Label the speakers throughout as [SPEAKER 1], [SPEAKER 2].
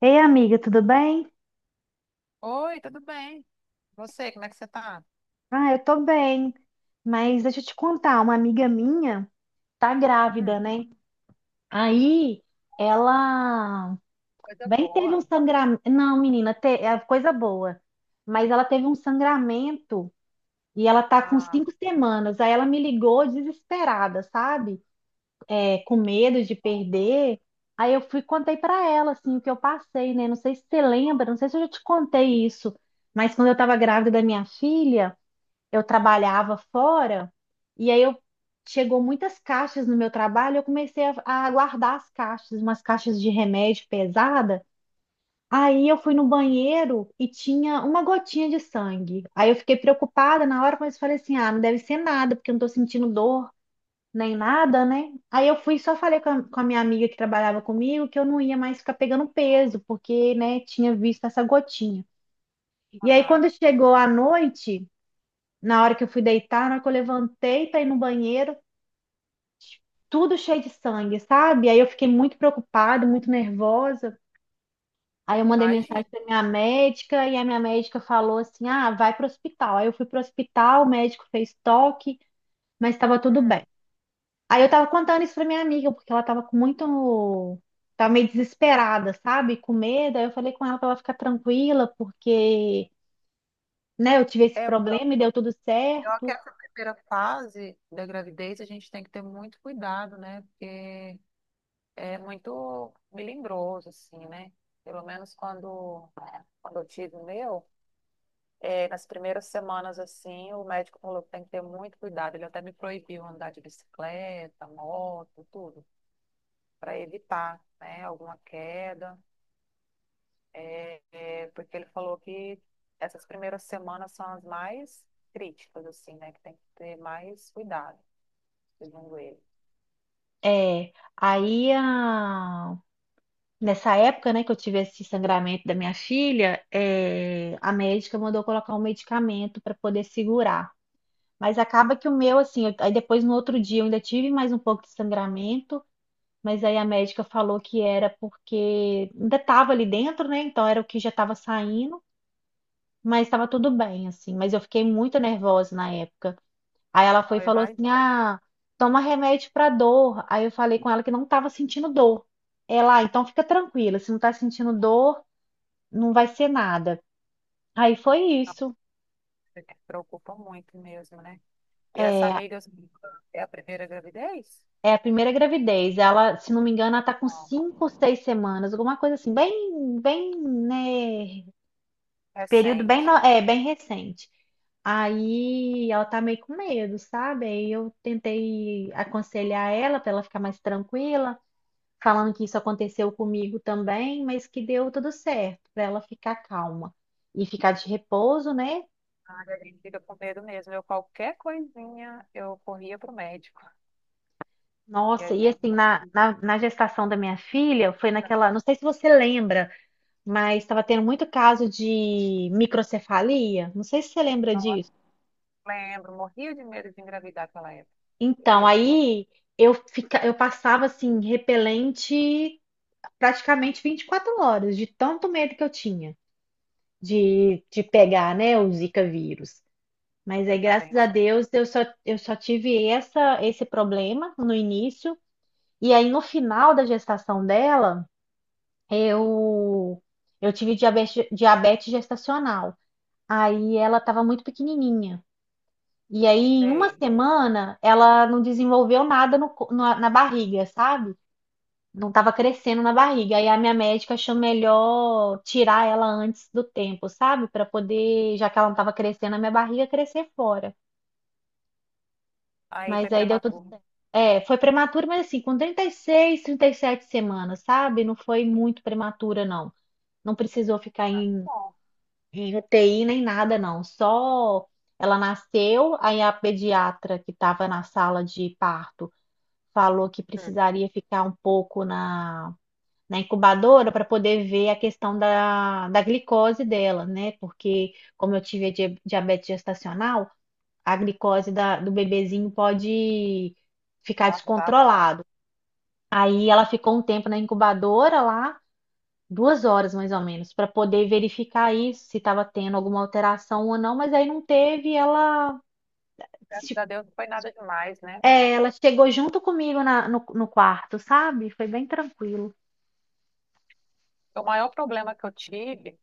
[SPEAKER 1] Ei, amiga, tudo bem?
[SPEAKER 2] Oi, tudo bem? Você, como é que você tá?
[SPEAKER 1] Ah, eu tô bem. Mas deixa eu te contar, uma amiga minha tá
[SPEAKER 2] Hum.
[SPEAKER 1] grávida, né? Aí ela
[SPEAKER 2] Coisa
[SPEAKER 1] bem teve
[SPEAKER 2] boa.
[SPEAKER 1] um sangramento. Não, menina, é coisa boa. Mas ela teve um sangramento e ela tá com
[SPEAKER 2] Ah,
[SPEAKER 1] 5 semanas. Aí ela me ligou desesperada, sabe? É, com medo de
[SPEAKER 2] bom.
[SPEAKER 1] perder. Aí eu fui e contei pra ela assim o que eu passei, né? Não sei se você lembra, não sei se eu já te contei isso, mas quando eu tava grávida da minha filha, eu trabalhava fora e aí eu chegou muitas caixas no meu trabalho. Eu comecei a guardar as caixas, umas caixas de remédio pesada. Aí eu fui no banheiro e tinha uma gotinha de sangue. Aí eu fiquei preocupada na hora, mas falei assim: ah, não deve ser nada, porque eu não tô sentindo dor nem nada, né? Aí eu fui e só falei com a minha amiga que trabalhava comigo que eu não ia mais ficar pegando peso, porque, né, tinha visto essa gotinha. E aí
[SPEAKER 2] Aham.
[SPEAKER 1] quando chegou a noite, na hora que eu fui deitar, na hora que eu levantei para ir no banheiro, tudo cheio de sangue, sabe? Aí eu fiquei muito preocupada, muito nervosa. Aí eu mandei mensagem
[SPEAKER 2] Imagina.
[SPEAKER 1] para minha médica e a minha médica falou assim: "Ah, vai pro hospital". Aí eu fui pro hospital, o médico fez toque, mas estava tudo
[SPEAKER 2] Hum.
[SPEAKER 1] bem. Aí eu tava contando isso para minha amiga, porque ela tava com muito tava meio desesperada, sabe? Com medo. Aí eu falei com ela para ela ficar tranquila, porque, né, eu tive esse
[SPEAKER 2] É, eu
[SPEAKER 1] problema e deu tudo
[SPEAKER 2] acho que
[SPEAKER 1] certo.
[SPEAKER 2] essa primeira fase da gravidez a gente tem que ter muito cuidado, né? Porque é muito melindroso, assim, né? Pelo menos quando eu tive o meu, nas primeiras semanas, assim, o médico falou que tem que ter muito cuidado. Ele até me proibiu andar de bicicleta, moto, tudo, para evitar, né, alguma queda. É, porque ele falou que essas primeiras semanas são as mais críticas, assim, né? Que tem que ter mais cuidado, segundo ele.
[SPEAKER 1] É, aí a nessa época, né, que eu tive esse sangramento da minha filha, a médica mandou colocar um medicamento para poder segurar. Mas acaba que o meu, assim, aí depois no outro dia eu ainda tive mais um pouco de sangramento, mas aí a médica falou que era porque ainda estava ali dentro, né? Então era o que já estava saindo, mas estava tudo bem, assim. Mas eu fiquei muito nervosa na época. Aí ela foi
[SPEAKER 2] Não,
[SPEAKER 1] e falou assim: ah, toma remédio para dor. Aí eu falei com ela que não estava sentindo dor. Ela, "Ah, então fica tranquila, se não está sentindo dor não vai ser nada". Aí foi
[SPEAKER 2] não,
[SPEAKER 1] isso.
[SPEAKER 2] ele se preocupa muito mesmo, né? E essa
[SPEAKER 1] É,
[SPEAKER 2] amiga assim, é a primeira gravidez?
[SPEAKER 1] é a primeira gravidez. Ela, se não me engano, ela tá com
[SPEAKER 2] Não,
[SPEAKER 1] 5, 6 semanas, alguma coisa assim, bem, bem, né? Período bem,
[SPEAKER 2] recente.
[SPEAKER 1] bem recente. Aí ela tá meio com medo, sabe? Aí eu tentei aconselhar ela para ela ficar mais tranquila, falando que isso aconteceu comigo também, mas que deu tudo certo, para ela ficar calma e ficar de repouso, né?
[SPEAKER 2] Ah, a gente fica com medo mesmo. Eu, qualquer coisinha, eu corria pro médico. E a
[SPEAKER 1] Nossa, e assim,
[SPEAKER 2] gente,
[SPEAKER 1] na gestação da minha filha, foi naquela. Não sei se você lembra, mas estava tendo muito caso de microcefalia. Não sei se você lembra
[SPEAKER 2] nossa,
[SPEAKER 1] disso.
[SPEAKER 2] lembro, morria de medo de engravidar naquela época.
[SPEAKER 1] Então,
[SPEAKER 2] Acredito,
[SPEAKER 1] aí eu passava assim, repelente praticamente 24 horas, de tanto medo que eu tinha de pegar, né, o Zika vírus. Mas
[SPEAKER 2] eu
[SPEAKER 1] aí, graças
[SPEAKER 2] também.
[SPEAKER 1] a Deus, eu só tive esse problema no início. E aí, no final da gestação dela, Eu, eu tive diabetes, diabetes gestacional. Aí ela estava muito pequenininha. E aí, em uma
[SPEAKER 2] Sei.
[SPEAKER 1] semana, ela não desenvolveu nada no co- na, na barriga, sabe? Não estava crescendo na barriga. Aí a minha médica achou melhor tirar ela antes do tempo, sabe? Para poder, já que ela não estava crescendo, a minha barriga crescer fora.
[SPEAKER 2] Aí foi
[SPEAKER 1] Mas aí deu tudo.
[SPEAKER 2] prematuro.
[SPEAKER 1] É, foi prematura, mas assim, com 36, 37 semanas, sabe? Não foi muito prematura, não. Não precisou ficar
[SPEAKER 2] Ah,
[SPEAKER 1] em
[SPEAKER 2] bom.
[SPEAKER 1] É, TI nem nada, não. Só ela nasceu, aí a pediatra que estava na sala de parto falou que precisaria ficar um pouco na incubadora para poder ver a questão da glicose dela, né? Porque, como eu tive a diabetes gestacional, a glicose do bebezinho pode ficar
[SPEAKER 2] Nossa, tava.
[SPEAKER 1] descontrolado. Aí ela ficou um tempo na incubadora lá, 2 horas mais ou menos, para poder verificar isso, se estava tendo alguma alteração ou não, mas aí não teve. Ela,
[SPEAKER 2] Graças
[SPEAKER 1] tipo,
[SPEAKER 2] a Deus não foi nada demais, né, amiga?
[SPEAKER 1] ela chegou junto comigo no quarto, sabe? Foi bem tranquilo.
[SPEAKER 2] O maior problema que eu tive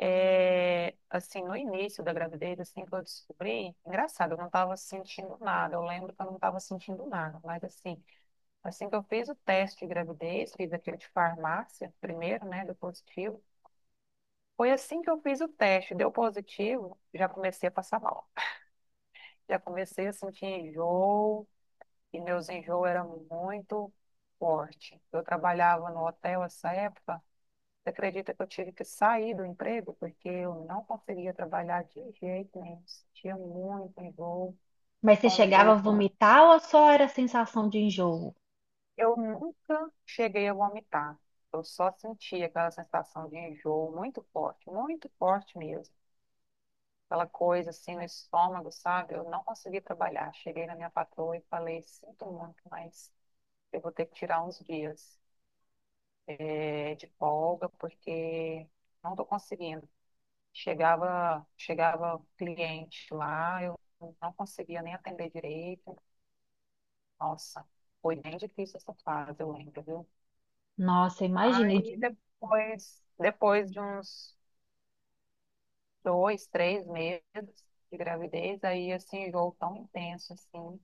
[SPEAKER 2] é, assim, no início da gravidez, assim, que eu descobri, engraçado, eu não estava sentindo nada, eu lembro que eu não estava sentindo nada, mas assim, assim que eu fiz o teste de gravidez, fiz aquele de farmácia primeiro, né, do positivo, foi assim que eu fiz o teste, deu positivo, já comecei a passar mal, já comecei a sentir enjoo, e meus enjoos eram muito forte. Eu trabalhava no hotel essa época. Você acredita que eu tive que sair do emprego porque eu não conseguia trabalhar de jeito nenhum, sentia muito enjoo,
[SPEAKER 1] Mas você chegava a
[SPEAKER 2] tontura.
[SPEAKER 1] vomitar ou só era sensação de enjoo?
[SPEAKER 2] Eu nunca cheguei a vomitar, eu só sentia aquela sensação de enjoo muito forte mesmo. Aquela coisa assim no estômago, sabe? Eu não consegui trabalhar. Cheguei na minha patroa e falei: sinto muito, mas eu vou ter que tirar uns dias de folga porque não estou conseguindo. Chegava cliente lá, eu não conseguia nem atender direito. Nossa, foi bem difícil essa fase, eu lembro, viu?
[SPEAKER 1] Nossa, imagina.
[SPEAKER 2] Aí depois, depois de uns 2, 3 meses de gravidez, aí esse enjoo tão intenso assim,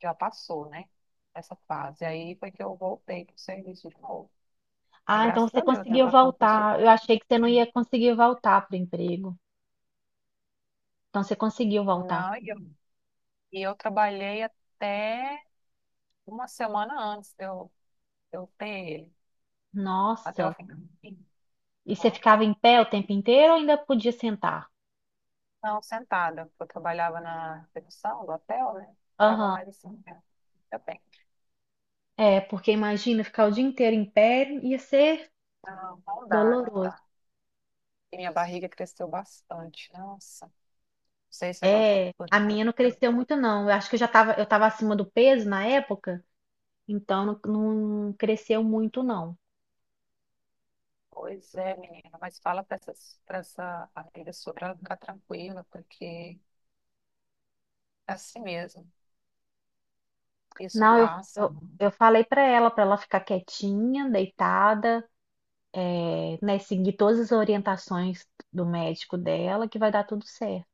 [SPEAKER 2] já passou, né? Essa fase. Aí foi que eu voltei para o serviço de novo. Mas
[SPEAKER 1] Ah, então
[SPEAKER 2] graças
[SPEAKER 1] você
[SPEAKER 2] a Deus, minha
[SPEAKER 1] conseguiu
[SPEAKER 2] patroa foi
[SPEAKER 1] voltar. Eu
[SPEAKER 2] super.
[SPEAKER 1] achei que você não ia conseguir voltar para o emprego. Então você conseguiu voltar.
[SPEAKER 2] Não, e eu trabalhei até uma semana antes de eu tenho ele até o
[SPEAKER 1] Nossa.
[SPEAKER 2] fim.
[SPEAKER 1] E você
[SPEAKER 2] Tá?
[SPEAKER 1] ficava em pé o tempo inteiro ou ainda podia sentar?
[SPEAKER 2] Não, sentada, porque eu trabalhava na recepção do hotel, né? Estava
[SPEAKER 1] Aham.
[SPEAKER 2] mais assim, né? Eu bem.
[SPEAKER 1] É, porque imagina ficar o dia inteiro em pé, ia ser
[SPEAKER 2] Não, não dá, não
[SPEAKER 1] doloroso.
[SPEAKER 2] dá. E minha barriga cresceu bastante. Nossa, não sei se é
[SPEAKER 1] É,
[SPEAKER 2] por.
[SPEAKER 1] a minha não cresceu muito não. Eu acho que eu tava acima do peso na época, então não, não cresceu muito não.
[SPEAKER 2] Pois é, menina, mas fala para essa, amiga sua para ela ficar tranquila, porque é assim mesmo. Isso
[SPEAKER 1] Não, eu,
[SPEAKER 2] passa.
[SPEAKER 1] eu, eu falei pra ela ficar quietinha, deitada, né, seguir todas as orientações do médico dela, que vai dar tudo certo.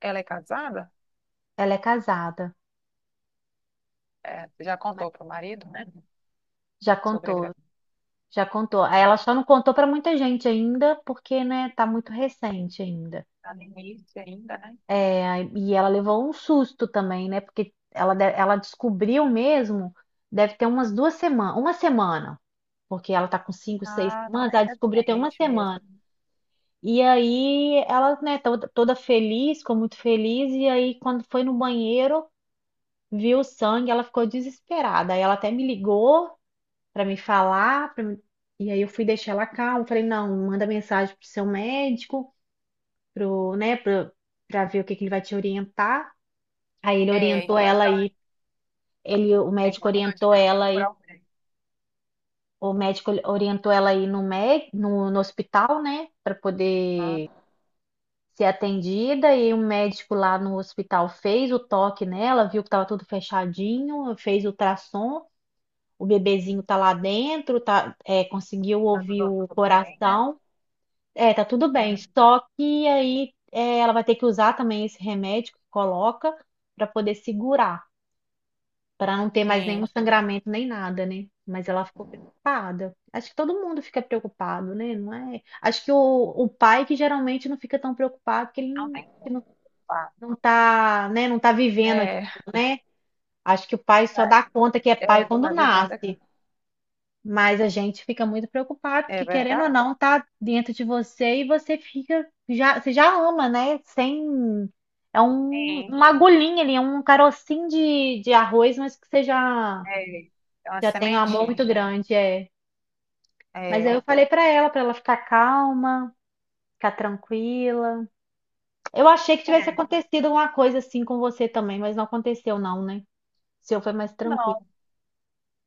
[SPEAKER 2] Ela é casada?
[SPEAKER 1] Ela é casada,
[SPEAKER 2] É, já
[SPEAKER 1] mas
[SPEAKER 2] contou pro marido, né?
[SPEAKER 1] já
[SPEAKER 2] Sobre a
[SPEAKER 1] contou,
[SPEAKER 2] gravidez.
[SPEAKER 1] já contou. Ela só não contou pra muita gente ainda, porque, né, tá muito recente ainda.
[SPEAKER 2] Tá no início ainda, né?
[SPEAKER 1] E ela levou um susto também, né? Porque ela, ela descobriu mesmo, deve ter umas 2 semanas, uma semana, porque ela tá com cinco, seis
[SPEAKER 2] Ah, tá
[SPEAKER 1] semanas,
[SPEAKER 2] bem
[SPEAKER 1] ela descobriu tem uma
[SPEAKER 2] recente mesmo.
[SPEAKER 1] semana. E aí ela, né, toda feliz, ficou muito feliz, e aí quando foi no banheiro, viu o sangue, ela ficou desesperada. Aí ela até me ligou pra me falar, e aí eu fui deixar ela calma, falei, não, manda mensagem pro seu médico, pro, né, pro, pra ver o que que ele vai te orientar. Aí ele
[SPEAKER 2] É
[SPEAKER 1] orientou ela aí,
[SPEAKER 2] importante,
[SPEAKER 1] ele, o
[SPEAKER 2] é
[SPEAKER 1] médico
[SPEAKER 2] importante
[SPEAKER 1] orientou
[SPEAKER 2] ter
[SPEAKER 1] ela
[SPEAKER 2] por
[SPEAKER 1] aí,
[SPEAKER 2] alguém.
[SPEAKER 1] no, no hospital, né, para poder
[SPEAKER 2] Ah,
[SPEAKER 1] ser atendida. E o médico lá no hospital fez o toque nela, viu que tava tudo fechadinho, fez o ultrassom, o bebezinho tá lá dentro, tá, conseguiu
[SPEAKER 2] tá
[SPEAKER 1] ouvir o
[SPEAKER 2] tudo bem, né?
[SPEAKER 1] coração. É, tá tudo bem.
[SPEAKER 2] Uhum.
[SPEAKER 1] Só que aí ela vai ter que usar também esse remédio que coloca para poder segurar, para não ter mais nenhum
[SPEAKER 2] Sim,
[SPEAKER 1] sangramento nem nada, né? Mas ela ficou preocupada. Acho que todo mundo fica preocupado, né? Não é? Acho que o pai que geralmente não fica tão preocupado, porque
[SPEAKER 2] não tem como.
[SPEAKER 1] ele não
[SPEAKER 2] Culpa.
[SPEAKER 1] não tá, né? Não tá vivendo
[SPEAKER 2] É,
[SPEAKER 1] aquilo, né? Acho que o pai só
[SPEAKER 2] tá,
[SPEAKER 1] dá conta que é pai
[SPEAKER 2] é,
[SPEAKER 1] quando
[SPEAKER 2] tá vivendo aqui.
[SPEAKER 1] nasce. Mas a gente fica muito preocupado,
[SPEAKER 2] É
[SPEAKER 1] porque querendo ou
[SPEAKER 2] verdade?
[SPEAKER 1] não, tá dentro de você e você fica, você já ama, né? Sem, é
[SPEAKER 2] Sim,
[SPEAKER 1] uma agulhinha ali, é um carocinho de arroz, mas que você já
[SPEAKER 2] é, é uma
[SPEAKER 1] já tem um amor muito
[SPEAKER 2] sementinha.
[SPEAKER 1] grande, é. Mas
[SPEAKER 2] É,
[SPEAKER 1] aí
[SPEAKER 2] é.
[SPEAKER 1] eu falei pra ela, ficar calma, ficar tranquila. Eu achei que tivesse acontecido alguma coisa assim com você também, mas não aconteceu não, né? O seu foi mais tranquilo.
[SPEAKER 2] Não, o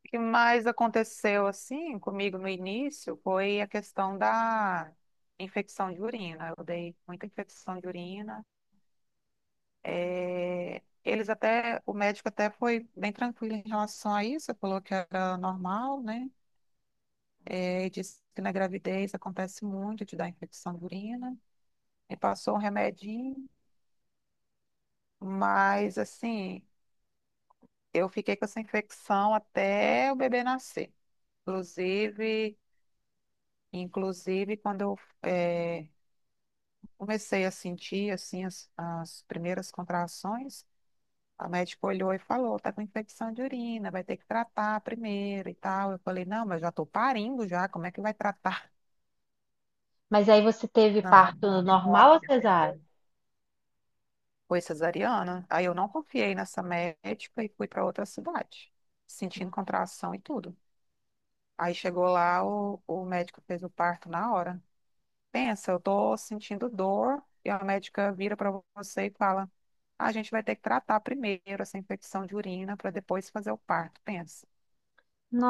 [SPEAKER 2] que mais aconteceu assim comigo no início foi a questão da infecção de urina. Eu dei muita infecção de urina. É, o médico até foi bem tranquilo em relação a isso, falou que era normal, né? É, e disse que na gravidez acontece muito de dar infecção de urina. E passou um remedinho, mas assim, eu fiquei com essa infecção até o bebê nascer. Inclusive, inclusive quando eu eh, comecei a sentir assim as primeiras contrações. A médica olhou e falou: tá com infecção de urina, vai ter que tratar primeiro e tal. Eu falei: não, mas já tô parindo já, como é que vai tratar?
[SPEAKER 1] Mas aí você teve
[SPEAKER 2] Não, vai
[SPEAKER 1] parto
[SPEAKER 2] continuar
[SPEAKER 1] normal ou
[SPEAKER 2] com
[SPEAKER 1] cesárea?
[SPEAKER 2] esse- foi cesariana. Aí eu não confiei nessa médica e fui para outra cidade, sentindo contração e tudo. Aí chegou lá, o médico fez o parto na hora. Pensa, eu tô sentindo dor e a médica vira para você e fala: "Ah, a gente vai ter que tratar primeiro essa infecção de urina para depois fazer o parto." Pensa.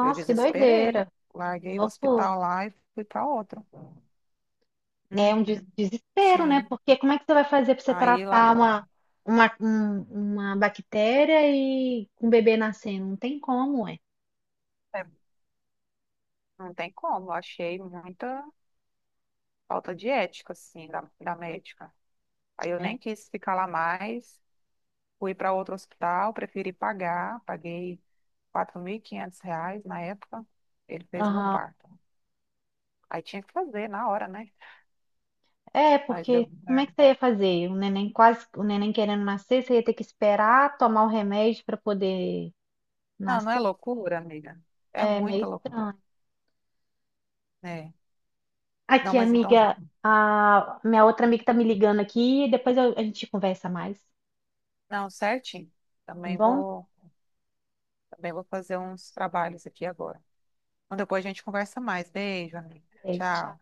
[SPEAKER 2] Eu
[SPEAKER 1] que
[SPEAKER 2] desesperei.
[SPEAKER 1] doideira,
[SPEAKER 2] Larguei o
[SPEAKER 1] loucura.
[SPEAKER 2] hospital lá e fui para outro.
[SPEAKER 1] É
[SPEAKER 2] Hum,
[SPEAKER 1] um desespero, né?
[SPEAKER 2] sim.
[SPEAKER 1] Porque como é que você vai fazer pra você
[SPEAKER 2] Aí lá
[SPEAKER 1] tratar uma, uma, um- uma bactéria e com o bebê nascendo? Não tem como, é.
[SPEAKER 2] é, não tem como, eu achei muita falta de ética, assim, da médica. Aí eu nem quis ficar lá mais, fui para outro hospital, preferi pagar, paguei 4.500 reais na época, ele fez meu
[SPEAKER 1] É.
[SPEAKER 2] parto. Aí tinha que fazer na hora, né?
[SPEAKER 1] É,
[SPEAKER 2] Mas deu
[SPEAKER 1] porque como é que
[SPEAKER 2] certo.
[SPEAKER 1] você ia fazer? O neném querendo nascer, você ia ter que esperar tomar o remédio para poder
[SPEAKER 2] Não, não é
[SPEAKER 1] nascer?
[SPEAKER 2] loucura, amiga. É
[SPEAKER 1] É meio
[SPEAKER 2] muita loucura,
[SPEAKER 1] estranho.
[SPEAKER 2] né? Não,
[SPEAKER 1] Aqui,
[SPEAKER 2] mas então, tá
[SPEAKER 1] amiga,
[SPEAKER 2] bom.
[SPEAKER 1] a minha outra amiga tá me ligando aqui e depois a gente conversa mais,
[SPEAKER 2] Não, certinho.
[SPEAKER 1] tá
[SPEAKER 2] Também
[SPEAKER 1] bom?
[SPEAKER 2] vou. Também vou fazer uns trabalhos aqui agora. Então, depois a gente conversa mais. Beijo, amiga.
[SPEAKER 1] É, tchau.
[SPEAKER 2] Tchau.